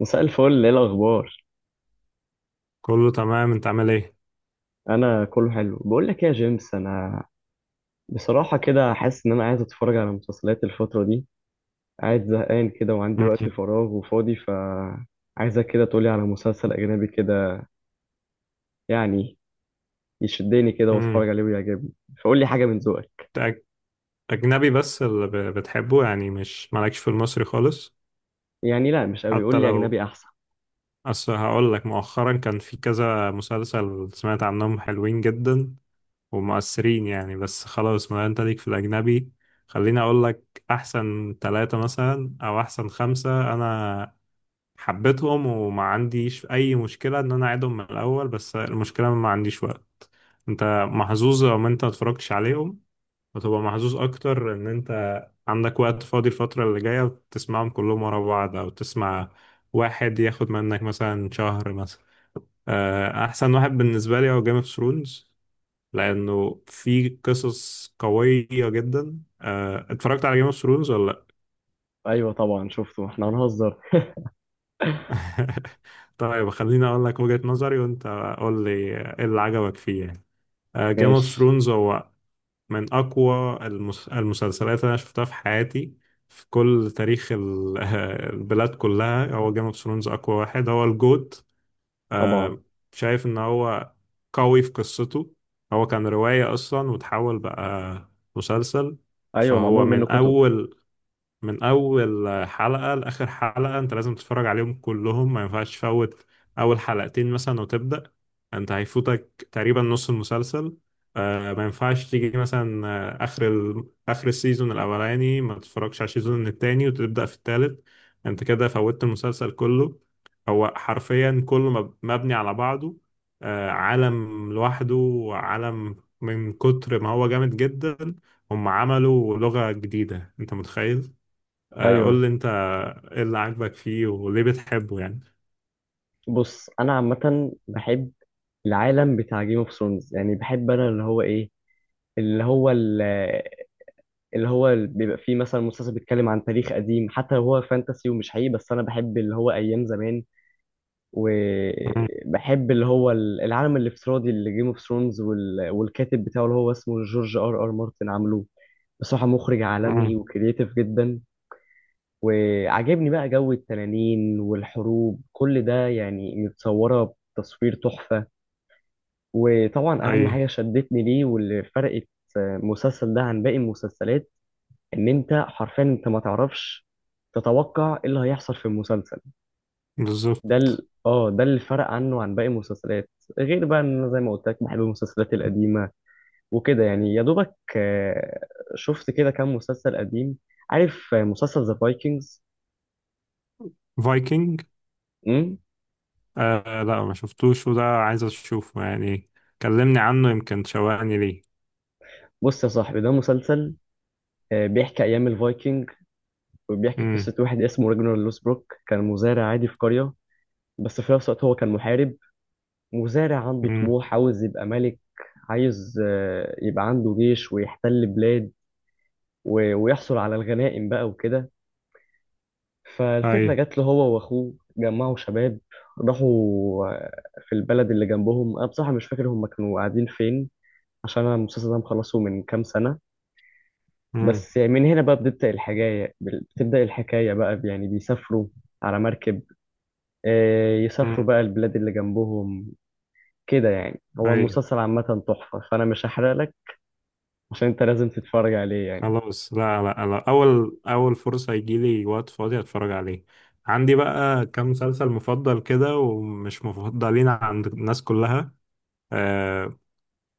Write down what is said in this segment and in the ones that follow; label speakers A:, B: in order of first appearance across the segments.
A: مساء الفل، ايه الاخبار؟
B: كله تمام، انت عامل ايه؟
A: انا كله حلو. بقول لك إيه يا جيمس، انا بصراحه كده حاسس ان انا عايز اتفرج على مسلسلات الفتره دي. قاعد زهقان كده وعندي وقت
B: مم.
A: فراغ وفاضي، ف. عايزك كده تقولي على مسلسل اجنبي كده، يعني يشدني كده واتفرج
B: مم.
A: عليه ويعجبني. فقول لي حاجه من ذوقك.
B: انت اجنبي بس اللي بتحبه، يعني مش مالكش في المصري خالص؟
A: يعني لا، مش قوي. قول
B: حتى
A: لي
B: لو.
A: اجنبي احسن.
B: اصل هقول لك، مؤخرا كان في كذا مسلسل سمعت عنهم حلوين جدا ومؤثرين يعني، بس خلاص، ما انت ليك في الاجنبي. خليني اقول لك احسن 3 مثلا او احسن 5. انا حبيتهم وما عنديش اي مشكلة ان انا اعيدهم من الاول، بس المشكلة ما عنديش وقت. انت محظوظ لو ما انت متفرجتش عليهم، وتبقى محظوظ اكتر ان انت عندك وقت فاضي الفترة اللي جاية تسمعهم كلهم ورا بعض، او تسمع واحد ياخد منك مثلا شهر مثلا. احسن واحد بالنسبة لي هو جيم اوف ثرونز، لانه في قصص قوية جدا. اتفرجت على جيم اوف ثرونز ولا لا؟
A: ايوه طبعا شفته، احنا هنهزر؟
B: طيب خليني اقول لك وجهة نظري، وانت قول لي ايه اللي عجبك فيه يعني. جيم اوف
A: ماشي.
B: ثرونز هو من أقوى المسلسلات اللي أنا شفتها في حياتي، في كل تاريخ البلاد كلها، هو جيم اوف ثرونز أقوى واحد، هو الجوت.
A: طبعا.
B: آه، شايف إن هو قوي في قصته. هو كان رواية أصلا وتحول بقى مسلسل.
A: ايوه، معمول
B: فهو
A: منه كتب.
B: من اول حلقة لاخر حلقة انت لازم تتفرج عليهم كلهم، ما ينفعش تفوت اول حلقتين مثلا وتبدأ، انت هيفوتك تقريبا نص المسلسل. آه، ما ينفعش تيجي مثلا اخر اخر السيزون الاولاني ما تتفرجش على السيزون التاني وتبدأ في التالت، انت كده فوتت المسلسل كله. هو حرفيا كله مبني على بعضه. آه، عالم لوحده وعالم. من كتر ما هو جامد جدا، هم عملوا لغة جديدة، انت متخيل؟ قول
A: ايوه.
B: لي انت ايه اللي عاجبك فيه وليه بتحبه يعني.
A: بص انا عامه بحب العالم بتاع جيم اوف ثرونز، يعني بحب انا اللي هو ال- بيبقى فيه مثلا مسلسل بيتكلم عن تاريخ قديم، حتى لو هو فانتسي ومش حقيقي، بس انا بحب اللي هو ايام زمان.
B: مم.
A: وبحب اللي هو العالم الافتراضي اللي جيم اوف ثرونز. والكاتب بتاعه اللي هو اسمه جورج R.R. مارتن، عامله بصراحة مخرج
B: مم.
A: عالمي وكرييتيف جدا. وعجبني بقى جو التنانين والحروب، كل ده يعني متصورة بتصوير تحفة. وطبعا
B: اي.
A: أهم حاجة شدتني ليه واللي فرقت المسلسل ده عن باقي المسلسلات، ان انت حرفيا انت ما تعرفش تتوقع ايه اللي هيحصل في المسلسل. ده
B: بالظبط.
A: ال... اه ده اللي فرق عنه عن باقي المسلسلات. غير بقى ان انا زي ما قلت لك بحب المسلسلات القديمه وكده، يعني يا دوبك شفت كده كام مسلسل قديم. عارف، مسلسل ذا فايكنجز.
B: فايكنج.
A: امم.
B: آه لا، ما شفتوش، وده عايز اشوفه يعني، كلمني عنه يمكن تشوقني ليه.
A: بص يا صاحبي، ده مسلسل بيحكي ايام الفايكنج، وبيحكي
B: امم.
A: قصه واحد اسمه راجنر لوسبروك، كان مزارع عادي في قريه. بس في نفس الوقت هو كان محارب، مزارع عنده
B: امم.
A: طموح، عاوز يبقى ملك. عايز يبقى عنده جيش ويحتل بلاد ويحصل على الغنائم بقى وكده.
B: اي.
A: فالفكرة جات له هو وأخوه، جمعوا شباب راحوا آه، في البلد اللي جنبهم. أنا بصراحة مش فاكر هم كانوا قاعدين فين، عشان أنا المسلسل ده مخلصه من كام سنة.
B: امم.
A: بس يعني من هنا بقى بتبدأ الحكاية، بتبدأ الحكاية بقى يعني بيسافروا على مركب، يسافروا
B: امم.
A: بقى البلاد اللي جنبهم. كده يعني هو
B: اي.
A: المسلسل عامة تحفة، فأنا مش هحرق لك. عشان انت لازم تتفرج عليه يعني.
B: خلاص. لا لا لا، اول اول فرصة يجيلي وقت فاضي اتفرج عليه. عندي بقى كام مسلسل مفضل كده ومش مفضلين عند الناس كلها. آه،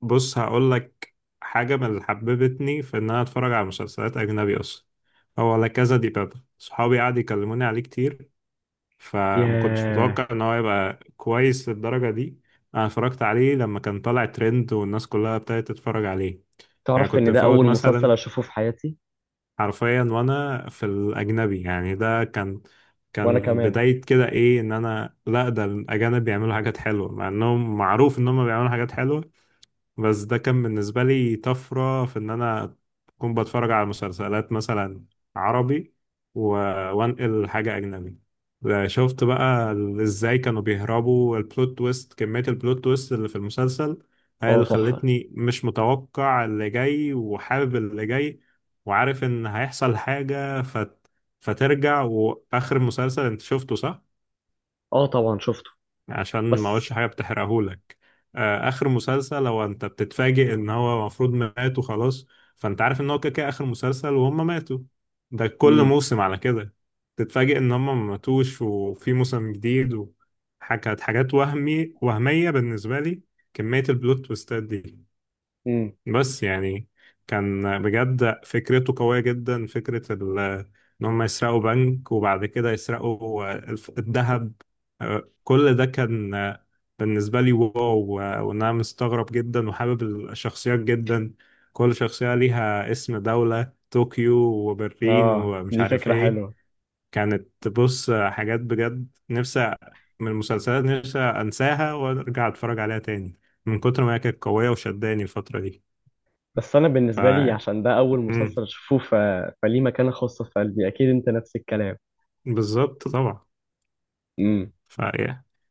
B: بص هقول لك. حاجة من اللي حببتني في إن أنا أتفرج على مسلسلات أجنبي أصلا هو لا كذا دي بابا، صحابي قعدوا يكلموني عليه كتير، فما كنتش
A: ياه.
B: متوقع إن هو يبقى كويس للدرجة دي. أنا اتفرجت عليه لما كان طالع ترند والناس كلها ابتدت تتفرج عليه، يعني
A: تعرف
B: كنت
A: ان ده
B: مفوت
A: اول
B: مثلا.
A: مسلسل اشوفه في حياتي.
B: حرفيا وأنا في الأجنبي، يعني ده كان،
A: وانا
B: كان
A: كمان.
B: بداية كده إيه، إن أنا لا، ده الأجانب بيعملوا حاجات حلوة، مع إنهم معروف إن هم بيعملوا حاجات حلوة، بس ده كان بالنسبة لي طفرة في إن أنا أكون بتفرج على مسلسلات مثلا عربي و... وأنقل حاجة أجنبي. شفت بقى إزاي كانوا بيهربوا البلوت تويست، كمية البلوت تويست اللي في المسلسل هي
A: اه
B: اللي
A: تحفة.
B: خلتني مش متوقع اللي جاي وحابب اللي جاي، وعارف إن هيحصل حاجة فترجع. وآخر مسلسل أنت شفته صح؟
A: اه طبعا شفته.
B: عشان ما اقولش
A: بس.
B: حاجه بتحرقهولك. اخر مسلسل لو انت بتتفاجئ ان هو المفروض مات وخلاص، فانت عارف ان هو كده كده اخر مسلسل وهم ماتوا. ده كل
A: امم.
B: موسم على كده تتفاجئ ان هم ما ماتوش وفي موسم جديد، وحاجات حاجات وهمي وهميه بالنسبه لي كميه البلوت تويستات دي.
A: امم.
B: بس يعني كان بجد فكرته قوية جدا، فكرة إن هم يسرقوا بنك وبعد كده يسرقوا الذهب. كل ده كان بالنسبة لي واو. وإن أنا مستغرب جدا وحابب الشخصيات جدا، كل شخصية ليها اسم دولة، طوكيو وبرلين
A: اه
B: ومش
A: دي
B: عارف
A: فكرة
B: إيه.
A: حلوة.
B: كانت بص حاجات بجد نفسي من المسلسلات نفسي أنساها وأرجع أتفرج عليها تاني من كتر ما هي كانت قوية وشداني الفترة دي.
A: بس انا
B: ف.
A: بالنسبة لي عشان ده اول
B: مم.
A: مسلسل اشوفه فليه مكانة خاصة في قلبي. اكيد انت نفس الكلام.
B: بالظبط طبعا.
A: امم.
B: ف.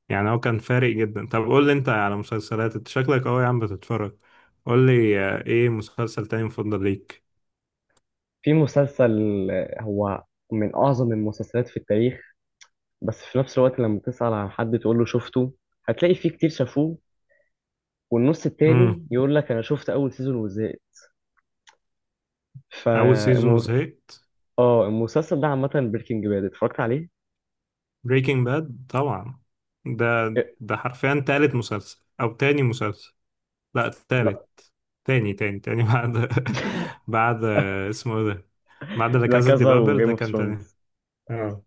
B: يعني هو كان فارق جدا. طب قول لي انت على مسلسلات، انت شكلك قوي يا عم بتتفرج، قول لي ايه مسلسل تاني مفضل ليك؟
A: في مسلسل هو من اعظم المسلسلات في التاريخ، بس في نفس الوقت لما تسأل عن حد تقول له شفته، هتلاقي فيه كتير شافوه، والنص
B: امم.
A: التاني يقول لك انا شفت اول سيزون وزهقت. ف.
B: اول سيزون
A: المو-
B: وزهقت.
A: اه المسلسل ده عامة، بريكنج باد اتفرجت عليه؟
B: بريكنج باد طبعا. ده
A: إيه،
B: ده حرفيا تالت مسلسل او تاني مسلسل، لا
A: لا،
B: تالت، تاني تاني تاني بعد، بعد اسمه ايه ده، بعد لا
A: لا
B: كازا دي
A: كذا
B: بابل
A: وجيم
B: ده
A: اوف
B: كان تاني.
A: ثرونز.
B: اه.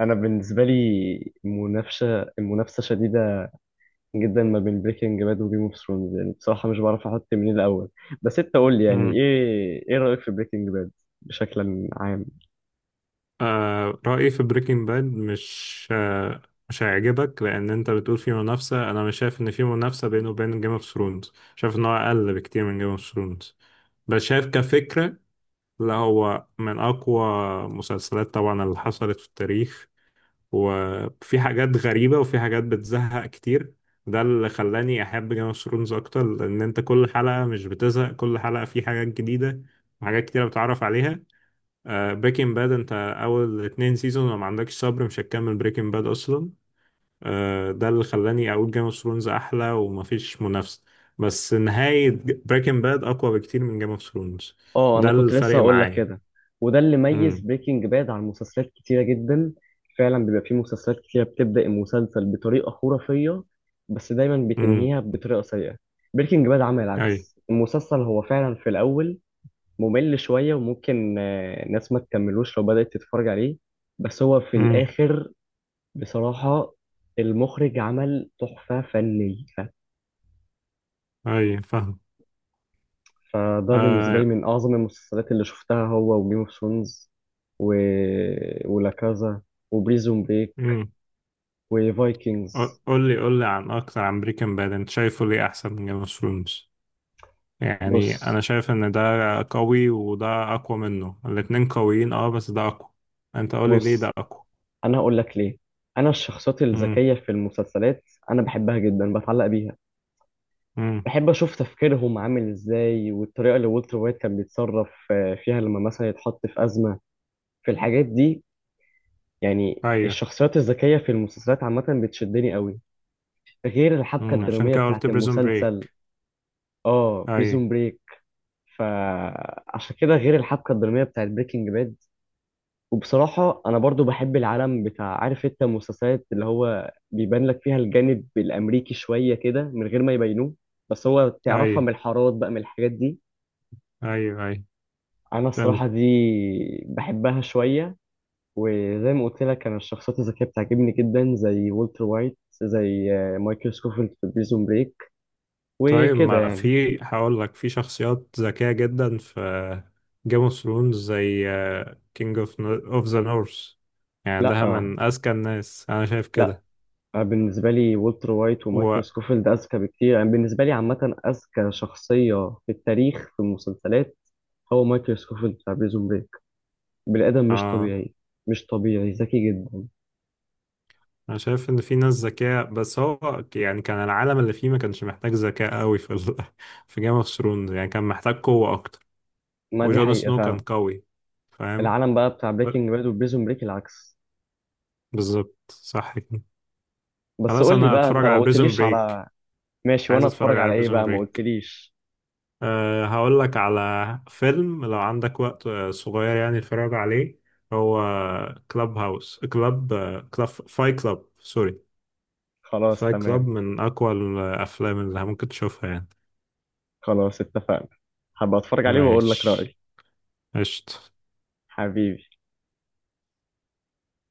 A: انا بالنسبة لي منافسة، المنافسة شديدة جدا ما بين بريكنج باد وجيم اوف ثرونز، يعني بصراحة مش بعرف احط مين الاول. بس انت قول لي يعني ايه، ايه رأيك في بريكنج باد بشكل عام؟
B: آه رأيي في بريكنج باد مش آه مش هيعجبك، لأن أنت بتقول في منافسة، أنا مش شايف إن في منافسة بينه وبين جيم اوف ثرونز، شايف إن هو أقل بكتير من جيم اوف ثرونز، بس شايف كفكرة لا هو من أقوى مسلسلات طبعا اللي حصلت في التاريخ، وفي حاجات غريبة وفي حاجات بتزهق كتير، ده اللي خلاني أحب جيم اوف ثرونز أكتر، لأن أنت كل حلقة مش بتزهق، كل حلقة في حاجات جديدة وحاجات كتيرة بتعرف عليها. بريكنج باد انت اول 2 سيزون لو ما عندكش صبر مش هتكمل بريكنج باد اصلا. ده اللي خلاني اقول جيم اوف ثرونز احلى ومفيش منافسه، بس نهايه بريكنج باد اقوى بكتير من جيم اوف ثرونز،
A: اه انا
B: ده
A: كنت لسه
B: الفرق
A: هقول لك
B: معايا.
A: كده. وده اللي ميز
B: امم.
A: بريكنج باد عن مسلسلات كتيره جدا. فعلا بيبقى فيه مسلسلات كتيره بتبدا المسلسل بطريقه خرافيه بس دايما
B: امم.
A: بتنهيها بطريقه سيئه. بريكنج باد عمل
B: اي.
A: العكس، المسلسل هو فعلا في الاول ممل شويه، وممكن ناس ما تكملوش لو بدات تتفرج عليه. بس هو في
B: امم.
A: الاخر بصراحه المخرج عمل تحفه فنيه.
B: اي. فاهم.
A: فده بالنسبة لي
B: آه،
A: من أعظم المسلسلات اللي شفتها، هو وجيم اوف ثرونز و... ولا كازا وبريزون بريك
B: امم.
A: وفايكنجز.
B: قول لي قول لي عن اكتر عن بريكنج باد، انت شايفه ليه احسن من جيم اوف ثرونز؟ يعني
A: بص،
B: انا شايف ان ده قوي وده اقوى منه، الاتنين قويين اه، بس ده اقوى. انت قول لي ليه ده
A: بص
B: اقوى.
A: أنا هقول لك ليه. أنا الشخصيات
B: امم.
A: الذكية في المسلسلات أنا بحبها جدا، بتعلق بيها.
B: امم.
A: بحب أشوف تفكيرهم عامل إزاي، والطريقة اللي والتر وايت كان بيتصرف فيها لما مثلا يتحط في أزمة، في الحاجات دي. يعني
B: ايوه.
A: الشخصيات الذكية في المسلسلات عامة بتشدني قوي، غير الحبكة
B: امم. عشان
A: الدرامية
B: كده قلت
A: بتاعت
B: بريزون
A: المسلسل.
B: بريك.
A: اه
B: ايوه.
A: بريزون بريك. فعشان كده غير الحبكه الدراميه بتاعت بريكنج باد، وبصراحه انا برضو بحب العالم بتاع، عارف انت المسلسلات اللي هو بيبان لك فيها الجانب الامريكي شويه كده من غير ما يبينوه، بس هو تعرفها
B: ايوه
A: من الحارات بقى، من الحاجات دي.
B: ايوه ايوه.
A: انا
B: فهمت.
A: الصراحه دي بحبها شويه. وزي ما قلت لك انا الشخصيات الذكيه بتعجبني جدا زي والتر وايت، زي مايكل سكوفيلد في بريزون بريك،
B: طيب
A: وكده
B: ما
A: يعني.
B: في هقول لك في شخصيات ذكية جدا في جيم اوف ثرونز، زي كينج اوف ذا نورث، يعني
A: لا،
B: ده من اذكى الناس انا شايف
A: لا
B: كده.
A: أنا بالنسبة لي والتر وايت
B: و...
A: ومايكل سكوفيلد أذكى بكتير. يعني بالنسبة لي عامة أذكى شخصية في التاريخ في المسلسلات هو مايكل سكوفيلد بتاع بريزون بريك، بني آدم مش
B: اه،
A: طبيعي. مش طبيعي ذكي جدا.
B: انا شايف ان في ناس ذكية بس هو يعني كان العالم اللي فيه ما كانش محتاج ذكاء قوي في في جيم اوف ثرونز يعني كان محتاج قوة اكتر،
A: ما دي
B: وجون
A: حقيقة
B: سنو كان
A: فعلا.
B: قوي، فاهم؟
A: العالم بقى بتاع
B: ب-
A: بريكنج باد وبريزون بريك العكس.
B: بالظبط صح كده.
A: بس
B: خلاص
A: قول لي
B: انا
A: بقى، أنت
B: هتفرج
A: ما
B: على بريزون
A: قلتليش
B: بريك.
A: على. ماشي، وأنا
B: عايز اتفرج
A: أتفرج على
B: على
A: إيه
B: بريزون
A: بقى؟ ما
B: بريك.
A: قلتليش.
B: أه هقول لك على فيلم لو عندك وقت صغير يعني اتفرج عليه. هو كلاب هاوس كلاب، كلاب فاي كلاب سوري،
A: خلاص
B: فاي كلاب
A: تمام.
B: من اقوى الافلام اللي ممكن تشوفها يعني.
A: خلاص اتفقنا. هبقى أتفرج عليه وأقول لك
B: ماشي.
A: رأيي.
B: قشطة.
A: حبيبي.